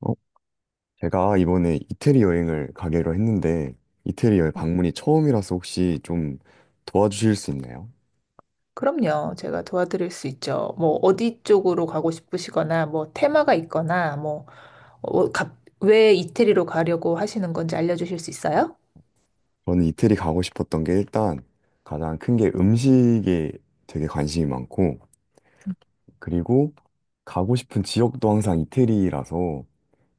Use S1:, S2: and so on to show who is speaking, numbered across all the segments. S1: 어, 제가 이번에 이태리 여행을 가기로 했는데 이태리 여행 방문이 처음이라서 혹시 좀 도와주실 수 있나요?
S2: 그럼요. 제가 도와드릴 수 있죠. 뭐, 어디 쪽으로 가고 싶으시거나, 뭐, 테마가 있거나, 뭐, 왜 이태리로 가려고 하시는 건지 알려주실 수 있어요?
S1: 저는 이태리 가고 싶었던 게 일단 가장 큰 게 음식에 되게 관심이 많고 그리고 가고 싶은 지역도 항상 이태리라서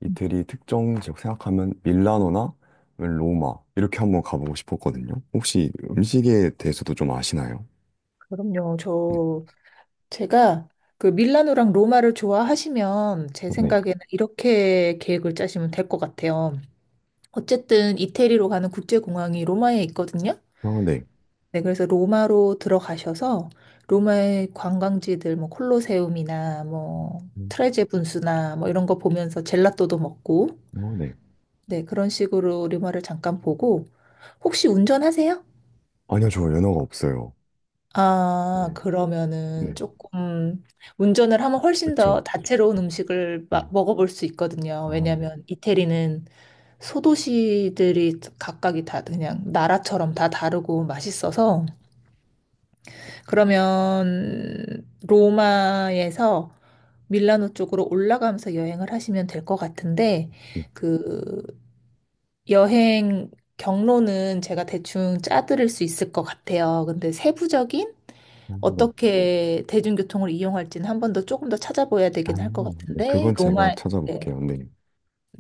S1: 이태리 특정 지역 생각하면 밀라노나 아니면 로마 이렇게 한번 가보고 싶었거든요. 혹시 음식에 대해서도 좀 아시나요?
S2: 그럼요.
S1: 네.
S2: 제가 그 밀라노랑 로마를 좋아하시면 제
S1: 네.
S2: 생각에는 이렇게 계획을 짜시면 될 것 같아요. 어쨌든 이태리로 가는 국제공항이 로마에 있거든요.
S1: 아, 네.
S2: 네, 그래서 로마로 들어가셔서 로마의 관광지들 뭐 콜로세움이나 뭐
S1: 음,
S2: 트레제 분수나 뭐 이런 거 보면서 젤라또도 먹고
S1: 아, 네.
S2: 네, 그런 식으로 로마를 잠깐 보고 혹시 운전하세요?
S1: 아니요, 저 연어가 없어요.
S2: 아, 그러면은
S1: 네,
S2: 조금 운전을 하면 훨씬
S1: 그쵸.
S2: 더 다채로운 음식을
S1: 네,
S2: 먹어볼 수 있거든요.
S1: 아, 네,
S2: 왜냐하면 이태리는 소도시들이 각각이 다 그냥 나라처럼 다 다르고 맛있어서 그러면 로마에서 밀라노 쪽으로 올라가면서 여행을 하시면 될 것 같은데,
S1: 네,
S2: 그 여행 경로는 제가 대충 짜드릴 수 있을 것 같아요. 근데 세부적인
S1: 아, 네,
S2: 어떻게 대중교통을 이용할지는 한 번 더 조금 더 찾아봐야
S1: 아,
S2: 되긴 할 것
S1: 네,
S2: 같은데,
S1: 그건 제가
S2: 로마, 네.
S1: 찾아볼게요. 네,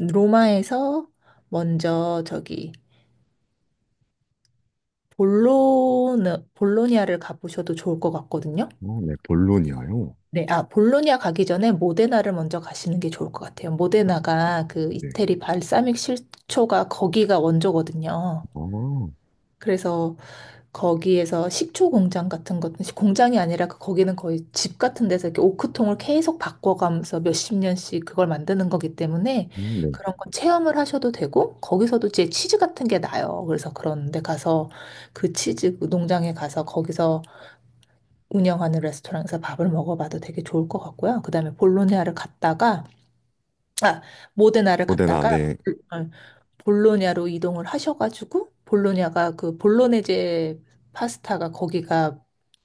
S2: 로마에서 먼저 저기 볼로, 볼로니아를 가보셔도 좋을 것 같거든요.
S1: 어, 네, 볼로니아요.
S2: 네, 아, 볼로냐 가기 전에 모데나를 먼저 가시는 게 좋을 것 같아요. 모데나가 그
S1: 네,
S2: 이태리 발사믹 식초가 거기가 원조거든요.
S1: 어,
S2: 그래서 거기에서 식초 공장 같은 것, 공장이 아니라 거기는 거의 집 같은 데서 이렇게 오크통을 계속 바꿔가면서 몇십 년씩 그걸 만드는 거기 때문에
S1: 네,
S2: 그런 건 체험을 하셔도 되고, 거기서도 이제 치즈 같은 게 나요. 그래서 그런 데 가서 그 치즈 그 농장에 가서 거기서 운영하는 레스토랑에서 밥을 먹어봐도 되게 좋을 것 같고요. 그다음에 볼로냐를 갔다가 아 모데나를
S1: 고데나,
S2: 갔다가
S1: 네,
S2: 그, 어, 볼로냐로 이동을 하셔가지고 볼로냐가 그 볼로네제 파스타가 거기가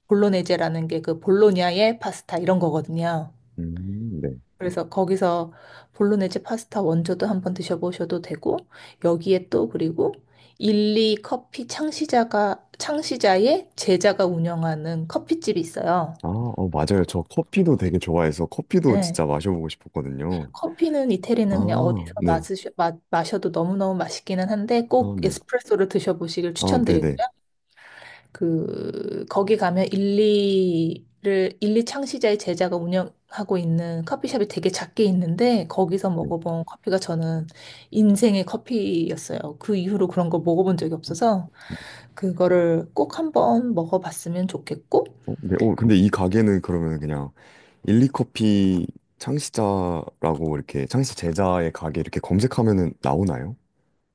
S2: 볼로네제라는 게 그 볼로냐의 파스타 이런 거거든요.
S1: 네,
S2: 그래서 거기서 볼로네제 파스타 원조도 한번 드셔보셔도 되고 여기에 또 그리고 일리 커피 창시자가 창시자의 제자가 운영하는 커피집이 있어요.
S1: 아, 어, 맞아요. 저 커피도 되게 좋아해서 커피도
S2: 네.
S1: 진짜 마셔보고 싶었거든요.
S2: 커피는 이태리는 그냥
S1: 아,
S2: 어디서
S1: 네,
S2: 마셔도 너무너무 맛있기는 한데
S1: 아,
S2: 꼭
S1: 네,
S2: 에스프레소를 드셔보시길
S1: 아, 네,
S2: 추천드리고요.
S1: 네,
S2: 그 거기 가면 일리를 일리 창시자의 제자가 운영하고 있는 커피숍이 되게 작게 있는데 거기서
S1: 네,
S2: 먹어본 커피가 저는 인생의 커피였어요. 그 이후로 그런 걸 먹어본 적이 없어서 그거를 꼭 한번 먹어봤으면 좋겠고
S1: 어, 네, 어, 근데 이 가게는 그러면 그냥 일리커피 창시자라고 이렇게 창시 제자의 가게 이렇게 검색하면은 나오나요?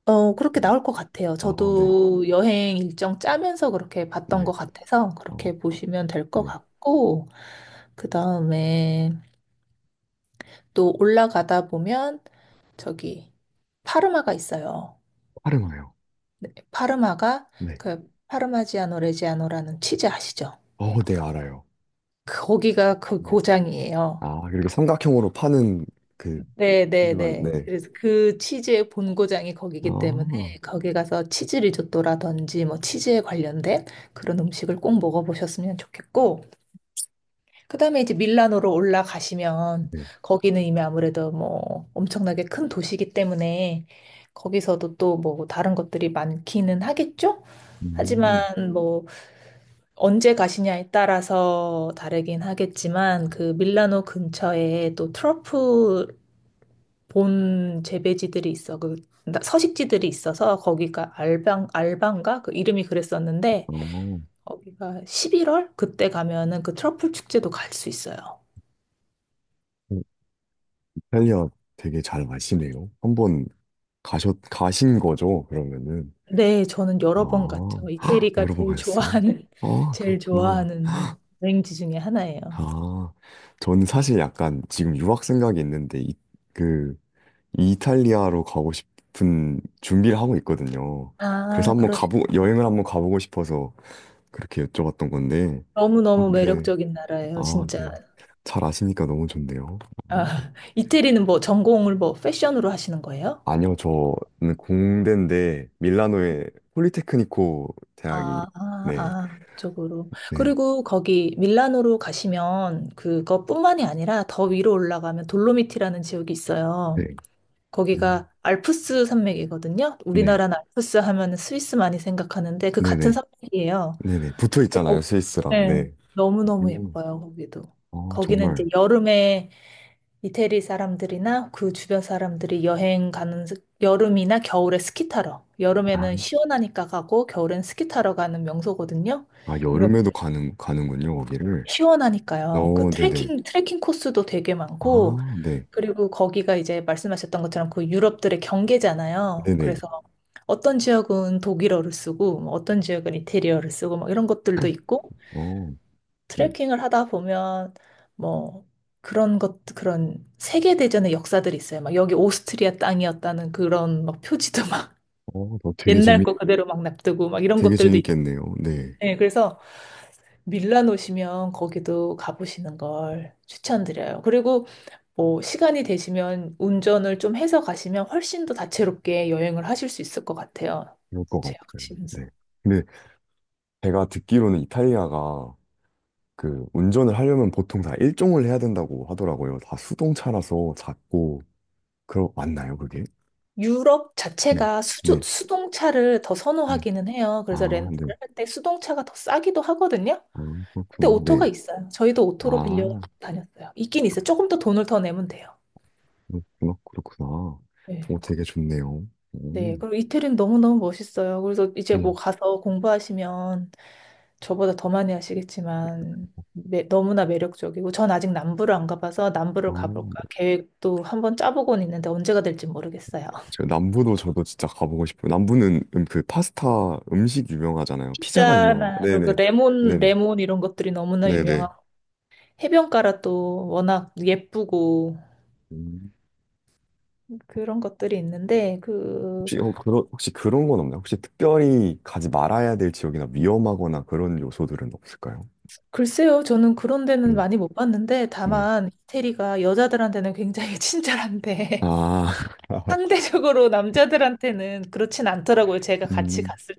S2: 어, 그렇게
S1: 음.
S2: 나올 것 같아요.
S1: 아, 네,
S2: 저도 여행 일정 짜면서 그렇게 봤던
S1: 네.
S2: 것 같아서
S1: 아,
S2: 그렇게 보시면 될 것
S1: 네,
S2: 같고, 그 다음에 또 올라가다 보면 저기 파르마가 있어요.
S1: 파르마요.
S2: 파르마가
S1: 네.
S2: 그 파르마지아노 레지아노라는 치즈 아시죠?
S1: 어, 네, 알아요.
S2: 거기가 그
S1: 네.
S2: 고장이에요.
S1: 아, 그리고 삼각형으로 파는 그
S2: 네, 네,
S1: 피드만,
S2: 네.
S1: 네.
S2: 그래서 그 치즈의 본고장이 거기기 때문에
S1: 아,
S2: 거기 가서 치즈 리조또라든지 뭐 치즈에 관련된 그런 음식을 꼭 먹어보셨으면 좋겠고, 그다음에 이제 밀라노로 올라가시면
S1: 네.
S2: 거기는 이미 아무래도 뭐 엄청나게 큰 도시이기 때문에 거기서도 또 뭐 다른 것들이 많기는 하겠죠?
S1: 음,
S2: 하지만 뭐 언제 가시냐에 따라서 다르긴 하겠지만 그 밀라노 근처에 또 트러플 본 재배지들이 있어 서식지들이 있어서 거기가 알방가 그 이름이 그랬었는데
S1: 어,
S2: 거기가 11월 그때 가면은 그 트러플 축제도 갈 수 있어요.
S1: 어, 이탈리아 되게 잘 마시네요. 한번 가신 거죠, 그러면은.
S2: 네, 저는 여러 번 갔죠.
S1: 아, 헉,
S2: 이태리가
S1: 여러 번
S2: 제일
S1: 가셨어요?
S2: 좋아하는,
S1: 아,
S2: 제일
S1: 그렇구나.
S2: 좋아하는 여행지 중에 하나예요.
S1: 아, 저는 사실 약간 지금 유학 생각이 있는데, 그, 이탈리아로 가고 싶은 준비를 하고 있거든요. 그래서
S2: 아,
S1: 한번
S2: 그러시군요.
S1: 여행을 한번 가보고 싶어서 그렇게 여쭤봤던 건데,
S2: 너무너무
S1: 네.
S2: 매력적인 나라예요,
S1: 아,
S2: 진짜.
S1: 네. 잘 아시니까 너무 좋네요.
S2: 아,
S1: 어.
S2: 이태리는 뭐 전공을 뭐 패션으로 하시는 거예요?
S1: 아니요, 저는 공대인데, 밀라노의 폴리테크니코 대학이, 네,
S2: 쪽으로.
S1: 네,
S2: 그리고 거기 밀라노로 가시면 그것뿐만이 아니라 더 위로 올라가면 돌로미티라는 지역이
S1: 네,
S2: 있어요.
S1: 어,
S2: 거기가 알프스 산맥이거든요.
S1: 네,
S2: 우리나라는 알프스 하면 스위스 많이 생각하는데 그 같은
S1: 네네,
S2: 산맥이에요.
S1: 네네. 붙어
S2: 어,
S1: 있잖아요, 스위스랑.
S2: 네.
S1: 네.
S2: 너무너무
S1: 음,
S2: 예뻐요, 거기도.
S1: 아,
S2: 거기는
S1: 정말.
S2: 이제 여름에 이태리 사람들이나 그 주변 사람들이 여행 가는, 여름이나 겨울에 스키 타러.
S1: 아,
S2: 여름에는 시원하니까 가고, 겨울엔 스키 타러 가는 명소거든요.
S1: 아,
S2: 근데
S1: 여름에도 가는군요, 거기를.
S2: 시원하니까요. 그
S1: 어, 네네.
S2: 트레킹 코스도 되게 많고,
S1: 아, 네,
S2: 그리고 거기가 이제 말씀하셨던 것처럼 그 유럽들의 경계잖아요.
S1: 네네.
S2: 그래서 어떤 지역은 독일어를 쓰고, 뭐 어떤 지역은 이태리어를 쓰고, 막 이런 것들도 있고,
S1: 어, 네.
S2: 트레킹을 하다 보면 뭐 그런 것 그런 세계 대전의 역사들이 있어요. 막 여기 오스트리아 땅이었다는 그런 막 표지도 막
S1: 어, 너
S2: 옛날 거 그대로 막 놔두고 막 이런
S1: 되게
S2: 것들도 있-
S1: 재밌겠네요. 네.
S2: 네, 그래서 밀란 오시면 거기도 가보시는 걸 추천드려요. 그리고 뭐 시간이 되시면 운전을 좀 해서 가시면 훨씬 더 다채롭게 여행을 하실 수 있을 것 같아요.
S1: 그럴 것
S2: 제가
S1: 같아요.
S2: 가시면서.
S1: 네. 제가 듣기로는 이탈리아가 그 운전을 하려면 보통 다 일종을 해야 된다고 하더라고요. 다 수동차라서 작고 그러 맞나요, 그게?
S2: 유럽
S1: 네,
S2: 자체가
S1: 네,
S2: 수동차를 더
S1: 네.
S2: 선호하기는 해요. 그래서
S1: 아, 네.
S2: 렌트를 할 때 수동차가 더 싸기도 하거든요.
S1: 아,
S2: 근데
S1: 그렇구나.
S2: 오토가
S1: 네.
S2: 있어요. 저희도 오토로 빌려
S1: 아,
S2: 다녔어요. 있긴 있어요. 조금 더 돈을 더 내면 돼요.
S1: 그렇구나, 그렇구나.
S2: 네.
S1: 오, 되게 좋네요.
S2: 네.
S1: 오,
S2: 그리고 이태리는 너무너무 멋있어요. 그래서 이제
S1: 네.
S2: 뭐 가서 공부하시면 저보다 더 많이 하시겠지만 너무나 매력적이고 전 아직 남부를 안 가봐서
S1: 아,
S2: 남부를 가볼까
S1: 네.
S2: 계획도 한번 짜보곤 있는데 언제가 될지 모르겠어요.
S1: 저 남부도 저도 진짜 가보고 싶어요. 남부는 그 파스타 음식 유명하잖아요.
S2: 있잖
S1: 피자가
S2: 나
S1: 유명한.
S2: 그리고
S1: 네네,
S2: 레몬
S1: 네네,
S2: 레몬 이런 것들이 너무나
S1: 네네.
S2: 유명하고 해변가라 또 워낙 예쁘고
S1: 음.
S2: 그런 것들이 있는데 그
S1: 혹시 그런 건 없나요? 혹시 특별히 가지 말아야 될 지역이나 위험하거나 그런 요소들은 없을까요?
S2: 글쎄요 저는 그런 데는
S1: 네,
S2: 많이 못 봤는데
S1: 네.
S2: 다만 이태리가 여자들한테는 굉장히 친절한데
S1: 아,
S2: 상대적으로 남자들한테는 그렇진 않더라고요. 제가 같이
S1: 음,
S2: 갔을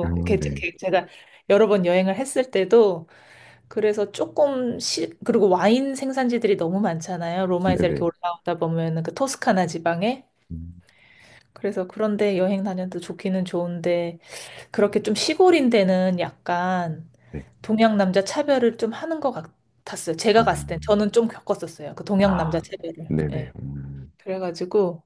S1: 아, 네.
S2: 이렇게 제가 여러 번 여행을 했을 때도 그래서 그리고 와인 생산지들이 너무 많잖아요. 로마에서 이렇게
S1: 네네.
S2: 올라오다 보면은 그 토스카나 지방에
S1: 음,
S2: 그래서 그런데 여행 다녀도 좋기는 좋은데 그렇게 좀 시골인 데는 약간
S1: 네.
S2: 동양 남자 차별을 좀 하는 것 같았어요.
S1: 아,
S2: 제가 갔을 땐 저는 좀 겪었었어요. 그 동양 남자
S1: 아,
S2: 차별을.
S1: 네네.
S2: 예. 그래가지고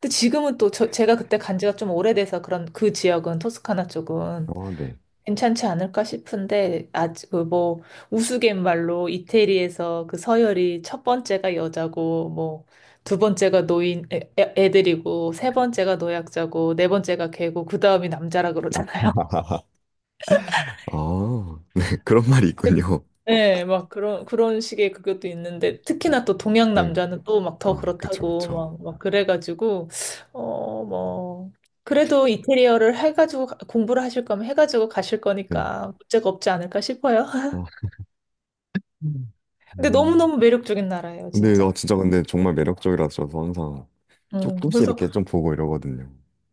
S2: 근데 지금은 또 제가 그때 간 지가 좀 오래돼서 그런 그 지역은 토스카나 쪽은
S1: 어, 네.
S2: 괜찮지 않을까 싶은데 아직 그뭐 우스갯말로 이태리에서 그 서열이 첫 번째가 여자고 뭐 두 번째가 노인 애들이고 세 번째가 노약자고 네 번째가 개고 그 다음이 남자라 그러잖아요.
S1: 아, 네. 그런 말이 있군요.
S2: 네, 막 그런 식의 그것도 있는데, 특히나 또 동양
S1: 네.
S2: 남자는 또 막 더
S1: 아, 그쵸,
S2: 그렇다고,
S1: 그쵸.
S2: 막 그래가지고, 어, 뭐, 그래도 인테리어를 해가지고, 공부를 하실 거면 해가지고 가실
S1: 네.
S2: 거니까 문제가 없지 않을까 싶어요.
S1: 아, 음.
S2: 근데
S1: 음.
S2: 너무너무 매력적인 나라예요,
S1: 근데, 아,
S2: 진짜.
S1: 진짜 근데 정말 매력적이라서 저도 항상 조금씩
S2: 그래서,
S1: 이렇게 좀 보고 이러거든요.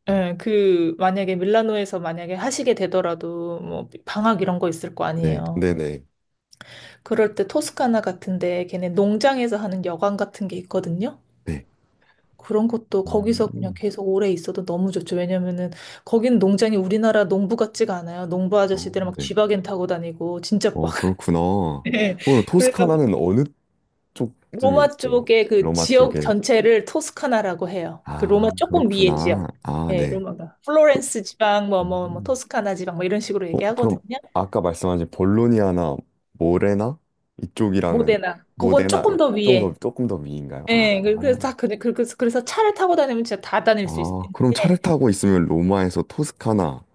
S1: 네.
S2: 예, 그, 만약에 밀라노에서 만약에 하시게 되더라도, 뭐, 방학 이런 거 있을 거
S1: 네,
S2: 아니에요.
S1: 네네.
S2: 그럴 때 토스카나 같은데, 걔네 농장에서 하는 여관 같은 게 있거든요.
S1: 네.
S2: 그런 것도 거기서 그냥
S1: 음,
S2: 계속 오래 있어도 너무 좋죠. 왜냐면은 거기는 농장이 우리나라 농부 같지가 않아요. 농부
S1: 어,
S2: 아저씨들 막
S1: 네.
S2: 쥐바겐 타고 다니고 진짜
S1: 어,
S2: 막.
S1: 그렇구나.
S2: 예.
S1: 오늘
S2: 그래서
S1: 토스카나는 어느 쪽쯤에
S2: 로마
S1: 있어요?
S2: 쪽의 그
S1: 로마
S2: 지역
S1: 쪽에.
S2: 전체를 토스카나라고 해요. 그
S1: 아,
S2: 로마 조금 위에
S1: 그렇구나.
S2: 지역.
S1: 아,
S2: 예,
S1: 네.
S2: 로마가.
S1: 그,
S2: 플로렌스 지방, 뭐, 뭐, 뭐,
S1: 음.
S2: 토스카나 지방, 뭐, 이런 식으로
S1: 어, 그럼
S2: 얘기하거든요.
S1: 아까 말씀하신 볼로니아나 모레나 이쪽이랑은
S2: 모데나. 그건
S1: 모데나
S2: 조금 더
S1: 조금 더
S2: 위에.
S1: 조금 더 위인가요? 아,
S2: 예, 그래서 그래서 차를 타고 다니면 진짜 다 다닐 수
S1: 아, 그럼 차를
S2: 있는데,
S1: 타고 있으면 로마에서 토스카나,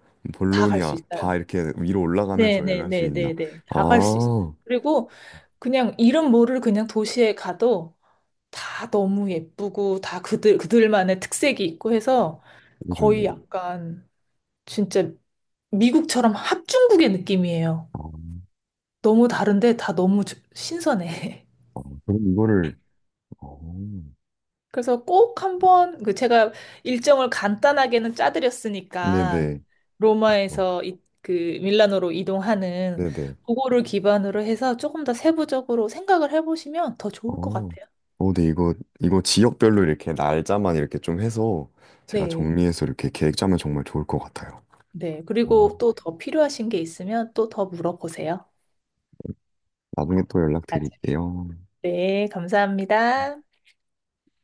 S2: 다 갈 수
S1: 볼로니아 다
S2: 있어요.
S1: 이렇게 위로 올라가면서 여행할 수 있나?
S2: 네네네네네. 다 갈 수 있어요.
S1: 아,
S2: 그리고 그냥 이름 모를 그냥 도시에 가도 다 너무 예쁘고 다 그들만의 특색이 있고 해서
S1: 되게 좋네요.
S2: 거의 약간 진짜 미국처럼 합중국의 느낌이에요.
S1: 아,
S2: 너무 다른데 다 너무 신선해.
S1: 아, 그럼 이거를 어,
S2: 그래서 꼭 한번 그 제가 일정을 간단하게는 짜드렸으니까
S1: 네네. 어,
S2: 로마에서 그 밀라노로 이동하는
S1: 네네.
S2: 그거를 기반으로 해서 조금 더 세부적으로 생각을 해보시면 더 좋을 것
S1: 어.
S2: 같아요.
S1: 어, 네, 이거 지역별로 이렇게 날짜만 이렇게 좀 해서 제가
S2: 네.
S1: 정리해서 이렇게 계획 짜면 정말 좋을 것 같아요.
S2: 네.
S1: 어,
S2: 그리고 또 더 필요하신 게 있으면 또 더 물어보세요.
S1: 나중에 또
S2: 나중에.
S1: 연락드릴게요.
S2: 네. 감사합니다.